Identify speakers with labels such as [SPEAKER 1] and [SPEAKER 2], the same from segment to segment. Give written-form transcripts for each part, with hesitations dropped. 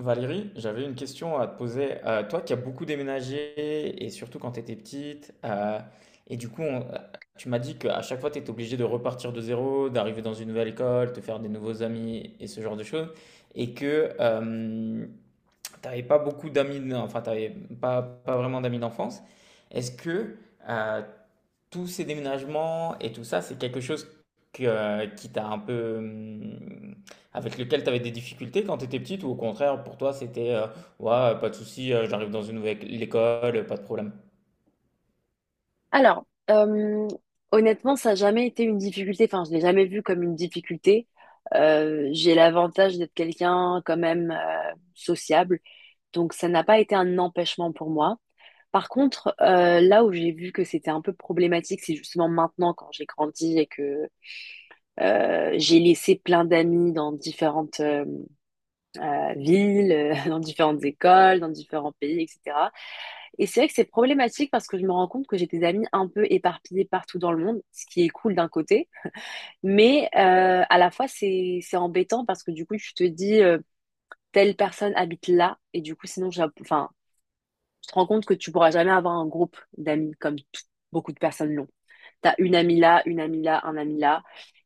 [SPEAKER 1] Valérie, j'avais une question à te poser. Toi qui as beaucoup déménagé, et surtout quand tu étais petite, et du coup, tu m'as dit qu'à chaque fois, tu étais obligé de repartir de zéro, d'arriver dans une nouvelle école, te faire des nouveaux amis et ce genre de choses, et que t'avais tu pas beaucoup d'amis, enfin, tu pas vraiment d'amis d'enfance. Est-ce que euh, tous ces déménagements et tout ça, c'est quelque chose qui t'a un peu, avec lequel tu avais des difficultés quand tu étais petite, ou au contraire, pour toi, c'était, ouais, pas de souci, j'arrive dans une nouvelle école, pas de problème.
[SPEAKER 2] Alors, euh, honnêtement, ça n'a jamais été une difficulté. Enfin, je l'ai jamais vu comme une difficulté. J'ai l'avantage d'être quelqu'un quand même sociable, donc ça n'a pas été un empêchement pour moi. Par contre, là où j'ai vu que c'était un peu problématique, c'est justement maintenant quand j'ai grandi et que j'ai laissé plein d'amis dans différentes villes, dans différentes écoles, dans différents pays, etc. Et c'est vrai que c'est problématique parce que je me rends compte que j'ai des amis un peu éparpillés partout dans le monde, ce qui est cool d'un côté, mais à la fois c'est embêtant parce que du coup tu te dis telle personne habite là et du coup sinon enfin tu te rends compte que tu pourras jamais avoir un groupe d'amis comme beaucoup de personnes l'ont. T'as une amie là, un ami là.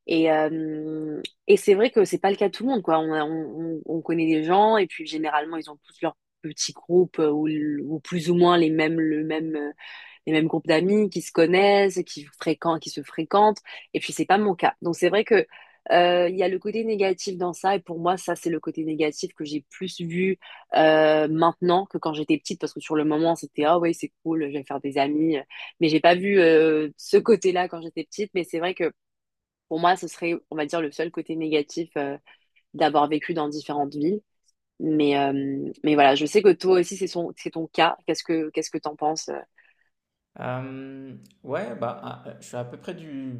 [SPEAKER 2] Et c'est vrai que c'est pas le cas de tout le monde, quoi. On, a- on, on connaît des gens et puis généralement ils ont tous leur petit groupe ou, ou plus ou moins les mêmes, le même les mêmes groupes d'amis qui se connaissent, qui fréquentent, qui se fréquentent. Et puis c'est pas mon cas. Donc c'est vrai que il y a le côté négatif dans ça. Et pour moi, ça c'est le côté négatif que j'ai plus vu maintenant que quand j'étais petite, parce que sur le moment c'était ah ouais c'est cool, je vais faire des amis. Mais j'ai pas vu ce côté-là quand j'étais petite. Mais c'est vrai que pour moi, ce serait, on va dire, le seul côté négatif d'avoir vécu dans différentes villes. Mais voilà, je sais que toi aussi, c'est ton cas. Qu'est-ce que t'en penses?
[SPEAKER 1] Euh, ouais, bah, je suis à peu près du,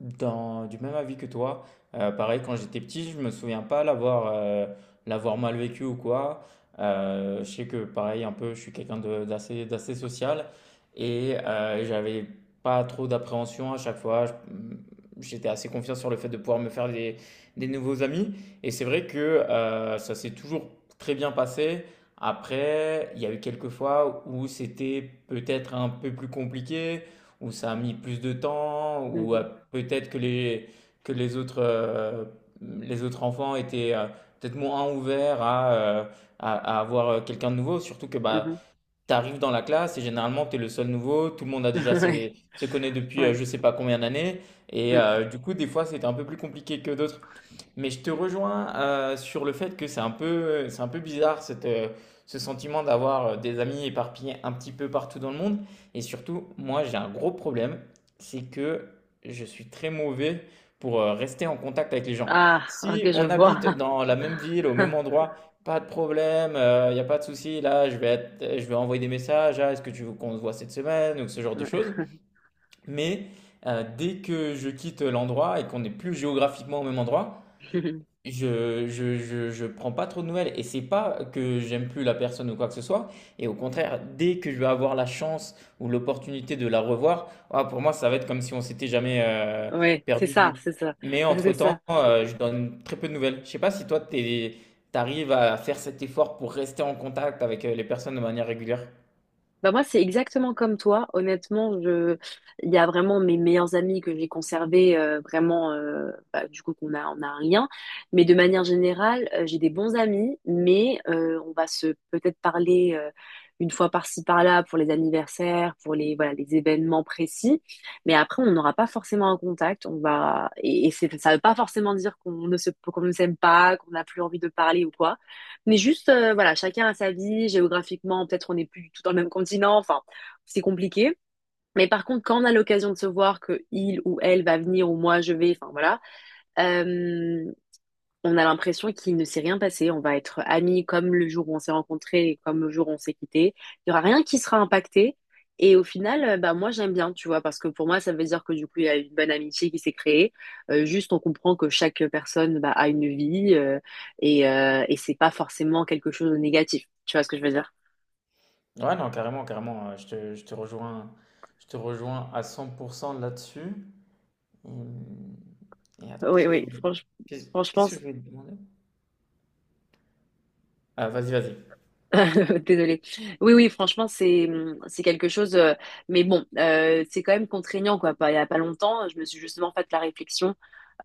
[SPEAKER 1] dans, du même avis que toi. Pareil, quand j'étais petit, je me souviens pas l'avoir mal vécu ou quoi. Je sais que, pareil, un peu, je suis quelqu'un d'assez social et j'avais pas trop d'appréhension à chaque fois. J'étais assez confiant sur le fait de pouvoir me faire des nouveaux amis. Et c'est vrai que ça s'est toujours très bien passé. Après, il y a eu quelques fois où c'était peut-être un peu plus compliqué, où ça a mis plus de temps, où
[SPEAKER 2] Mhm,
[SPEAKER 1] peut-être que les autres enfants étaient peut-être moins ouverts à avoir quelqu'un de nouveau. Surtout que bah, tu arrives dans la classe et généralement tu es le seul nouveau, tout le monde a déjà
[SPEAKER 2] mhm.
[SPEAKER 1] se connaît depuis
[SPEAKER 2] Ouais.
[SPEAKER 1] je sais pas combien d'années. Et
[SPEAKER 2] Mm.
[SPEAKER 1] du coup, des fois, c'était un peu plus compliqué que d'autres. Mais je te rejoins sur le fait que c'est un peu bizarre ce sentiment d'avoir des amis éparpillés un petit peu partout dans le monde. Et surtout, moi, j'ai un gros problème, c'est que je suis très mauvais pour rester en contact avec les gens.
[SPEAKER 2] Ah,
[SPEAKER 1] Si
[SPEAKER 2] ok, je
[SPEAKER 1] on
[SPEAKER 2] vois.
[SPEAKER 1] habite dans la même ville, au même endroit, pas de problème, il n'y a pas de souci. Là, je vais envoyer des messages. Ah, est-ce que tu veux qu'on se voit cette semaine ou ce genre de
[SPEAKER 2] Ouais.
[SPEAKER 1] choses. Mais dès que je quitte l'endroit et qu'on n'est plus géographiquement au même endroit, je prends pas trop de nouvelles et c'est pas que j'aime plus la personne ou quoi que ce soit. Et au contraire, dès que je vais avoir la chance ou l'opportunité de la revoir, ah, pour moi, ça va être comme si on s'était jamais
[SPEAKER 2] Ouais,
[SPEAKER 1] perdu de vue.
[SPEAKER 2] c'est ça,
[SPEAKER 1] Mais
[SPEAKER 2] c'est ça.
[SPEAKER 1] entre-temps, je donne très peu de nouvelles. Je sais pas si toi, t'arrives à faire cet effort pour rester en contact avec les personnes de manière régulière.
[SPEAKER 2] Bah moi, c'est exactement comme toi. Honnêtement, il y a vraiment mes meilleurs amis que j'ai conservés, vraiment, bah, du coup, qu'on a un lien. Mais de manière générale, j'ai des bons amis, mais on va se peut-être parler une fois par-ci, par-là pour les anniversaires, pour les, voilà, les événements précis. Mais après, on n'aura pas forcément un contact. On va... et c'est- Ça ne veut pas forcément dire qu'on ne s'aime pas, qu'on n'a plus envie de parler ou quoi. Mais juste, voilà, chacun a sa vie, géographiquement, peut-être on n'est plus du tout dans le même continent, enfin, c'est compliqué. Mais par contre, quand on a l'occasion de se voir que il ou elle va venir ou moi je vais, enfin voilà, euh, on a l'impression qu'il ne s'est rien passé. On va être amis comme le jour où on s'est rencontrés et comme le jour où on s'est quittés. Il y aura rien qui sera impacté. Et au final, bah, moi, j'aime bien, tu vois, parce que pour moi, ça veut dire que du coup, il y a une bonne amitié qui s'est créée. Juste, on comprend que chaque personne bah, a une vie et c'est pas forcément quelque chose de négatif. Tu vois ce que je veux dire?
[SPEAKER 1] Ouais, non, carrément, carrément. Je te rejoins à 100% là-dessus. Et, hem et Attends,
[SPEAKER 2] Oui, oui,
[SPEAKER 1] qu'est-ce
[SPEAKER 2] franchement.
[SPEAKER 1] qu'est-ce que je voulais te demander? Ah, vas-y, vas-y.
[SPEAKER 2] Désolée. Oui, oui, franchement, c'est quelque chose. Mais bon, c'est quand même contraignant, quoi. Il y a pas longtemps, je me suis justement fait la réflexion.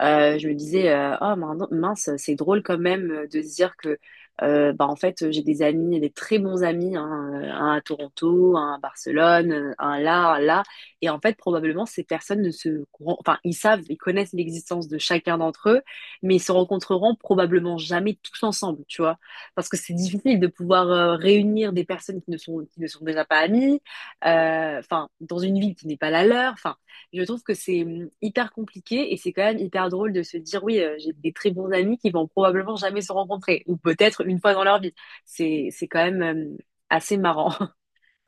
[SPEAKER 2] Je me disais, oh mince, c'est drôle quand même de se dire que, bah, en fait, j'ai des amis, des très bons amis, hein, un à Toronto, un à Barcelone, un là, un là. Et en fait, probablement, ces personnes ne se, courant- enfin, ils connaissent l'existence de chacun d'entre eux, mais ils se rencontreront probablement jamais tous ensemble, tu vois parce que c'est difficile de pouvoir réunir des personnes qui ne sont déjà pas amies, enfin dans une ville qui n'est pas la leur. Enfin, je trouve que c'est hyper compliqué et c'est quand même hyper drôle de se dire oui, j'ai des très bons amis qui vont probablement jamais se rencontrer ou peut-être une fois dans leur vie. C'est quand même hum, assez marrant.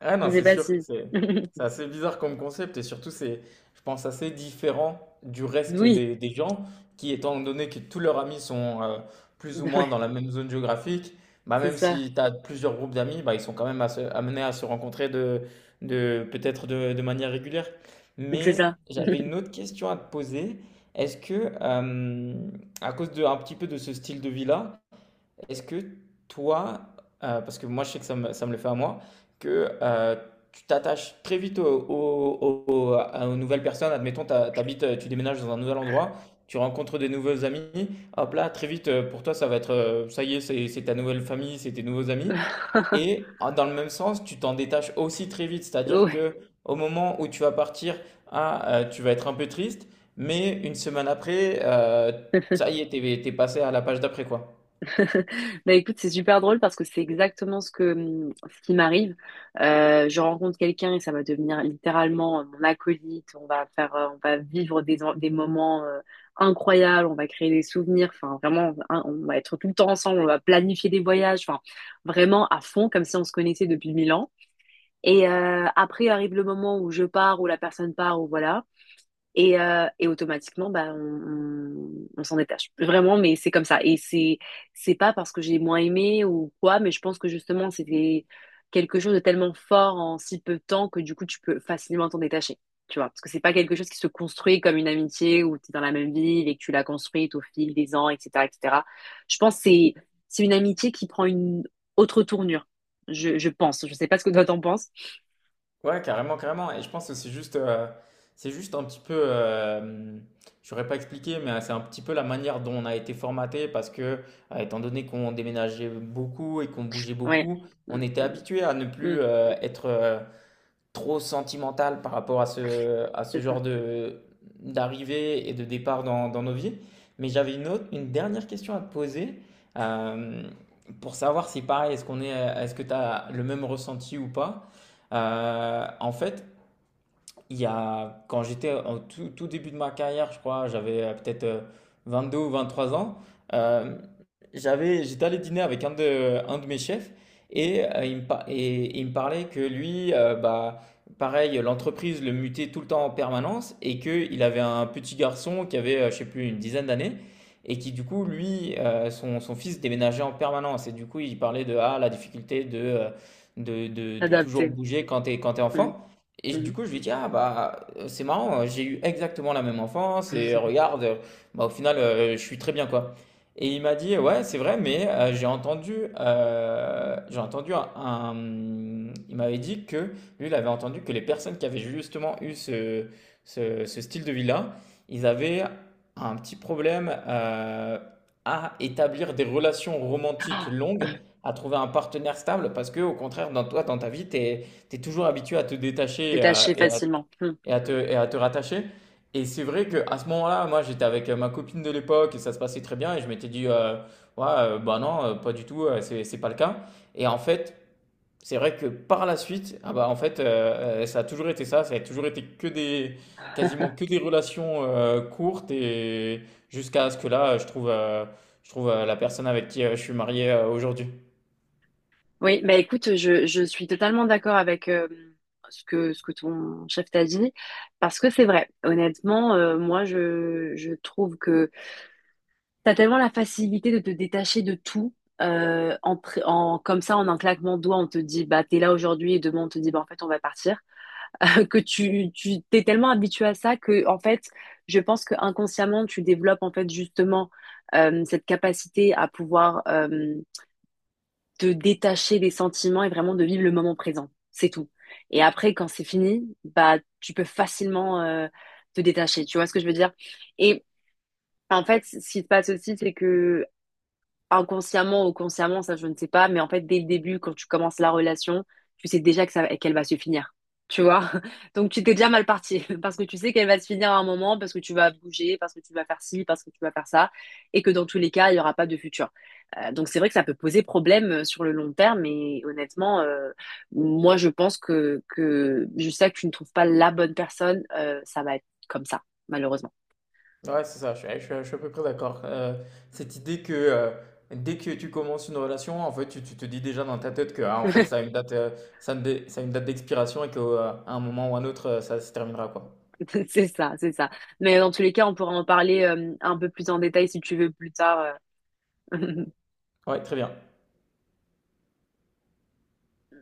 [SPEAKER 1] Ah non,
[SPEAKER 2] Je sais
[SPEAKER 1] c'est
[SPEAKER 2] pas
[SPEAKER 1] sûr,
[SPEAKER 2] si.
[SPEAKER 1] c'est assez bizarre comme concept et surtout c'est, je pense, assez différent du reste
[SPEAKER 2] Oui.
[SPEAKER 1] des gens qui, étant donné que tous leurs amis sont plus ou moins dans
[SPEAKER 2] Ouais,
[SPEAKER 1] la même zone géographique, bah
[SPEAKER 2] c'est
[SPEAKER 1] même
[SPEAKER 2] ça,
[SPEAKER 1] si tu as plusieurs groupes d'amis, bah ils sont quand même amenés à se rencontrer de manière régulière.
[SPEAKER 2] c'est
[SPEAKER 1] Mais
[SPEAKER 2] ça.
[SPEAKER 1] j'avais une autre question à te poser. Est-ce que, à cause de, un petit peu de ce style de vie-là, est-ce que toi, parce que moi je sais que ça me le fait à moi, que tu t'attaches très vite aux nouvelles personnes, admettons, t'habites, tu déménages dans un nouvel endroit, tu rencontres des nouveaux amis, hop là, très vite, pour toi ça va être, ça y est, c'est ta nouvelle famille, c'est tes nouveaux amis. Et dans le même sens, tu t'en détaches aussi très vite, c'est-à-dire
[SPEAKER 2] Ouais.
[SPEAKER 1] que au moment où tu vas partir, tu vas être un peu triste, mais une semaine après, ça y est, t'es passé à la page d'après, quoi.
[SPEAKER 2] Bah écoute, c'est super drôle parce que c'est exactement ce qui m'arrive. Je rencontre quelqu'un et ça va devenir littéralement mon acolyte. On va vivre des moments incroyables. On va créer des souvenirs. Enfin, vraiment, hein, on va être tout le temps ensemble. On va planifier des voyages. Enfin, vraiment à fond, comme si on se connaissait depuis mille ans. Et après arrive le moment où je pars, où la personne part, ou voilà. Et automatiquement, bah, on s'en détache. Vraiment, mais c'est comme ça. Et c'est pas parce que j'ai moins aimé ou quoi, mais je pense que justement, c'était quelque chose de tellement fort en si peu de temps que du coup, tu peux facilement t'en détacher. Tu vois, parce que c'est pas quelque chose qui se construit comme une amitié où tu es dans la même ville et que tu l'as construite au fil des ans, etc., etc. Je pense que c'est une amitié qui prend une autre tournure. Je pense. Je sais pas ce que toi t'en penses.
[SPEAKER 1] Ouais, carrément, carrément. Et je pense que c'est juste, un petit peu, je n'aurais pas expliqué, mais c'est un petit peu la manière dont on a été formaté parce que, étant donné qu'on déménageait beaucoup et qu'on bougeait
[SPEAKER 2] Ouais.
[SPEAKER 1] beaucoup,
[SPEAKER 2] Mm,
[SPEAKER 1] on était habitué à ne
[SPEAKER 2] mm, mm,
[SPEAKER 1] plus être, trop sentimental par rapport à à ce
[SPEAKER 2] c'est ça.
[SPEAKER 1] genre d'arrivée et de départ dans nos vies. Mais j'avais une autre, une dernière question à te poser euh, pour savoir si pareil, est-ce que tu as le même ressenti ou pas. En fait, il y a, quand j'étais en tout début de ma carrière, je crois, j'avais peut-être deux ou 23 ans, euh, j'étais allé dîner avec un de mes chefs et, et il me parlait que lui, bah, pareil, l'entreprise le mutait tout le temps en permanence et qu'il avait un petit garçon qui avait, je sais plus, une dizaine d'années et qui, du coup, lui, son fils déménageait en permanence et du coup, il parlait de la difficulté de toujours
[SPEAKER 2] S'adapter.
[SPEAKER 1] bouger quand quand t'es
[SPEAKER 2] Mm,
[SPEAKER 1] enfant. Du
[SPEAKER 2] mm.
[SPEAKER 1] coup, je lui dis: «Ah bah, c'est marrant, j'ai eu exactement la même enfance et regarde, bah, au final, je suis très bien, quoi». Et il m'a dit: «Ouais, c'est vrai, mais j'ai entendu un,» il m'avait dit que lui, il avait entendu que les personnes qui avaient justement eu ce style de vie-là, ils avaient un petit problème, à établir des relations romantiques
[SPEAKER 2] Ah,
[SPEAKER 1] longues, à trouver un partenaire stable parce que au contraire, dans ta vie, tu es toujours habitué à te détacher
[SPEAKER 2] détacher facilement. Hmm.
[SPEAKER 1] et et à te rattacher. Et c'est vrai qu'à ce moment-là, moi, j'étais avec ma copine de l'époque et ça se passait très bien. Et je m'étais dit, ouais, bah non, pas du tout, c'est pas le cas. Et en fait, c'est vrai que par la suite, ah bah, en fait, ça a toujours été ça. Ça a toujours été quasiment que des relations courtes et jusqu'à ce que là, je trouve la personne avec qui je suis marié aujourd'hui.
[SPEAKER 2] Oui, bah écoute, je suis totalement d'accord avec ce que ton chef t'a dit, parce que c'est vrai. Honnêtement, moi, je trouve que t'as tellement la facilité de te détacher de tout. Comme ça, en un claquement de doigts, on te dit, bah, t'es là aujourd'hui, et demain, on te dit, bah, en fait, on va partir. Que tu t'es tellement habitué à ça que, en fait, je pense que inconsciemment, tu développes, en fait, justement, cette capacité à pouvoir te détacher des sentiments et vraiment de vivre le moment présent. C'est tout. Et après, quand c'est fini, bah, tu peux facilement te détacher. Tu vois ce que je veux dire? Et en fait, ce qui se passe aussi, c'est que inconsciemment ou consciemment, ça je ne sais pas, mais en fait dès le début, quand tu commences la relation, tu sais déjà qu'elle va se finir, tu vois. Donc tu t'es déjà mal parti parce que tu sais qu'elle va se finir à un moment, parce que tu vas bouger, parce que tu vas faire ci, parce que tu vas faire ça, et que dans tous les cas, il n'y aura pas de futur. Donc c'est vrai que ça peut poser problème sur le long terme, mais honnêtement, moi je pense que jusqu'à que tu ne trouves pas la bonne personne, ça va être comme ça, malheureusement.
[SPEAKER 1] Ouais, c'est ça, je suis à peu près d'accord. Cette idée que dès que tu commences une relation, en fait, tu te dis déjà dans ta tête que ah, en fait, ça a une date, ça a une dé- ça a une date d'expiration et qu'à un moment ou un autre, ça se terminera, quoi.
[SPEAKER 2] C'est ça, c'est ça. Mais dans tous les cas, on pourra en parler un peu plus en détail si tu veux plus tard. euh.
[SPEAKER 1] Ouais, très bien.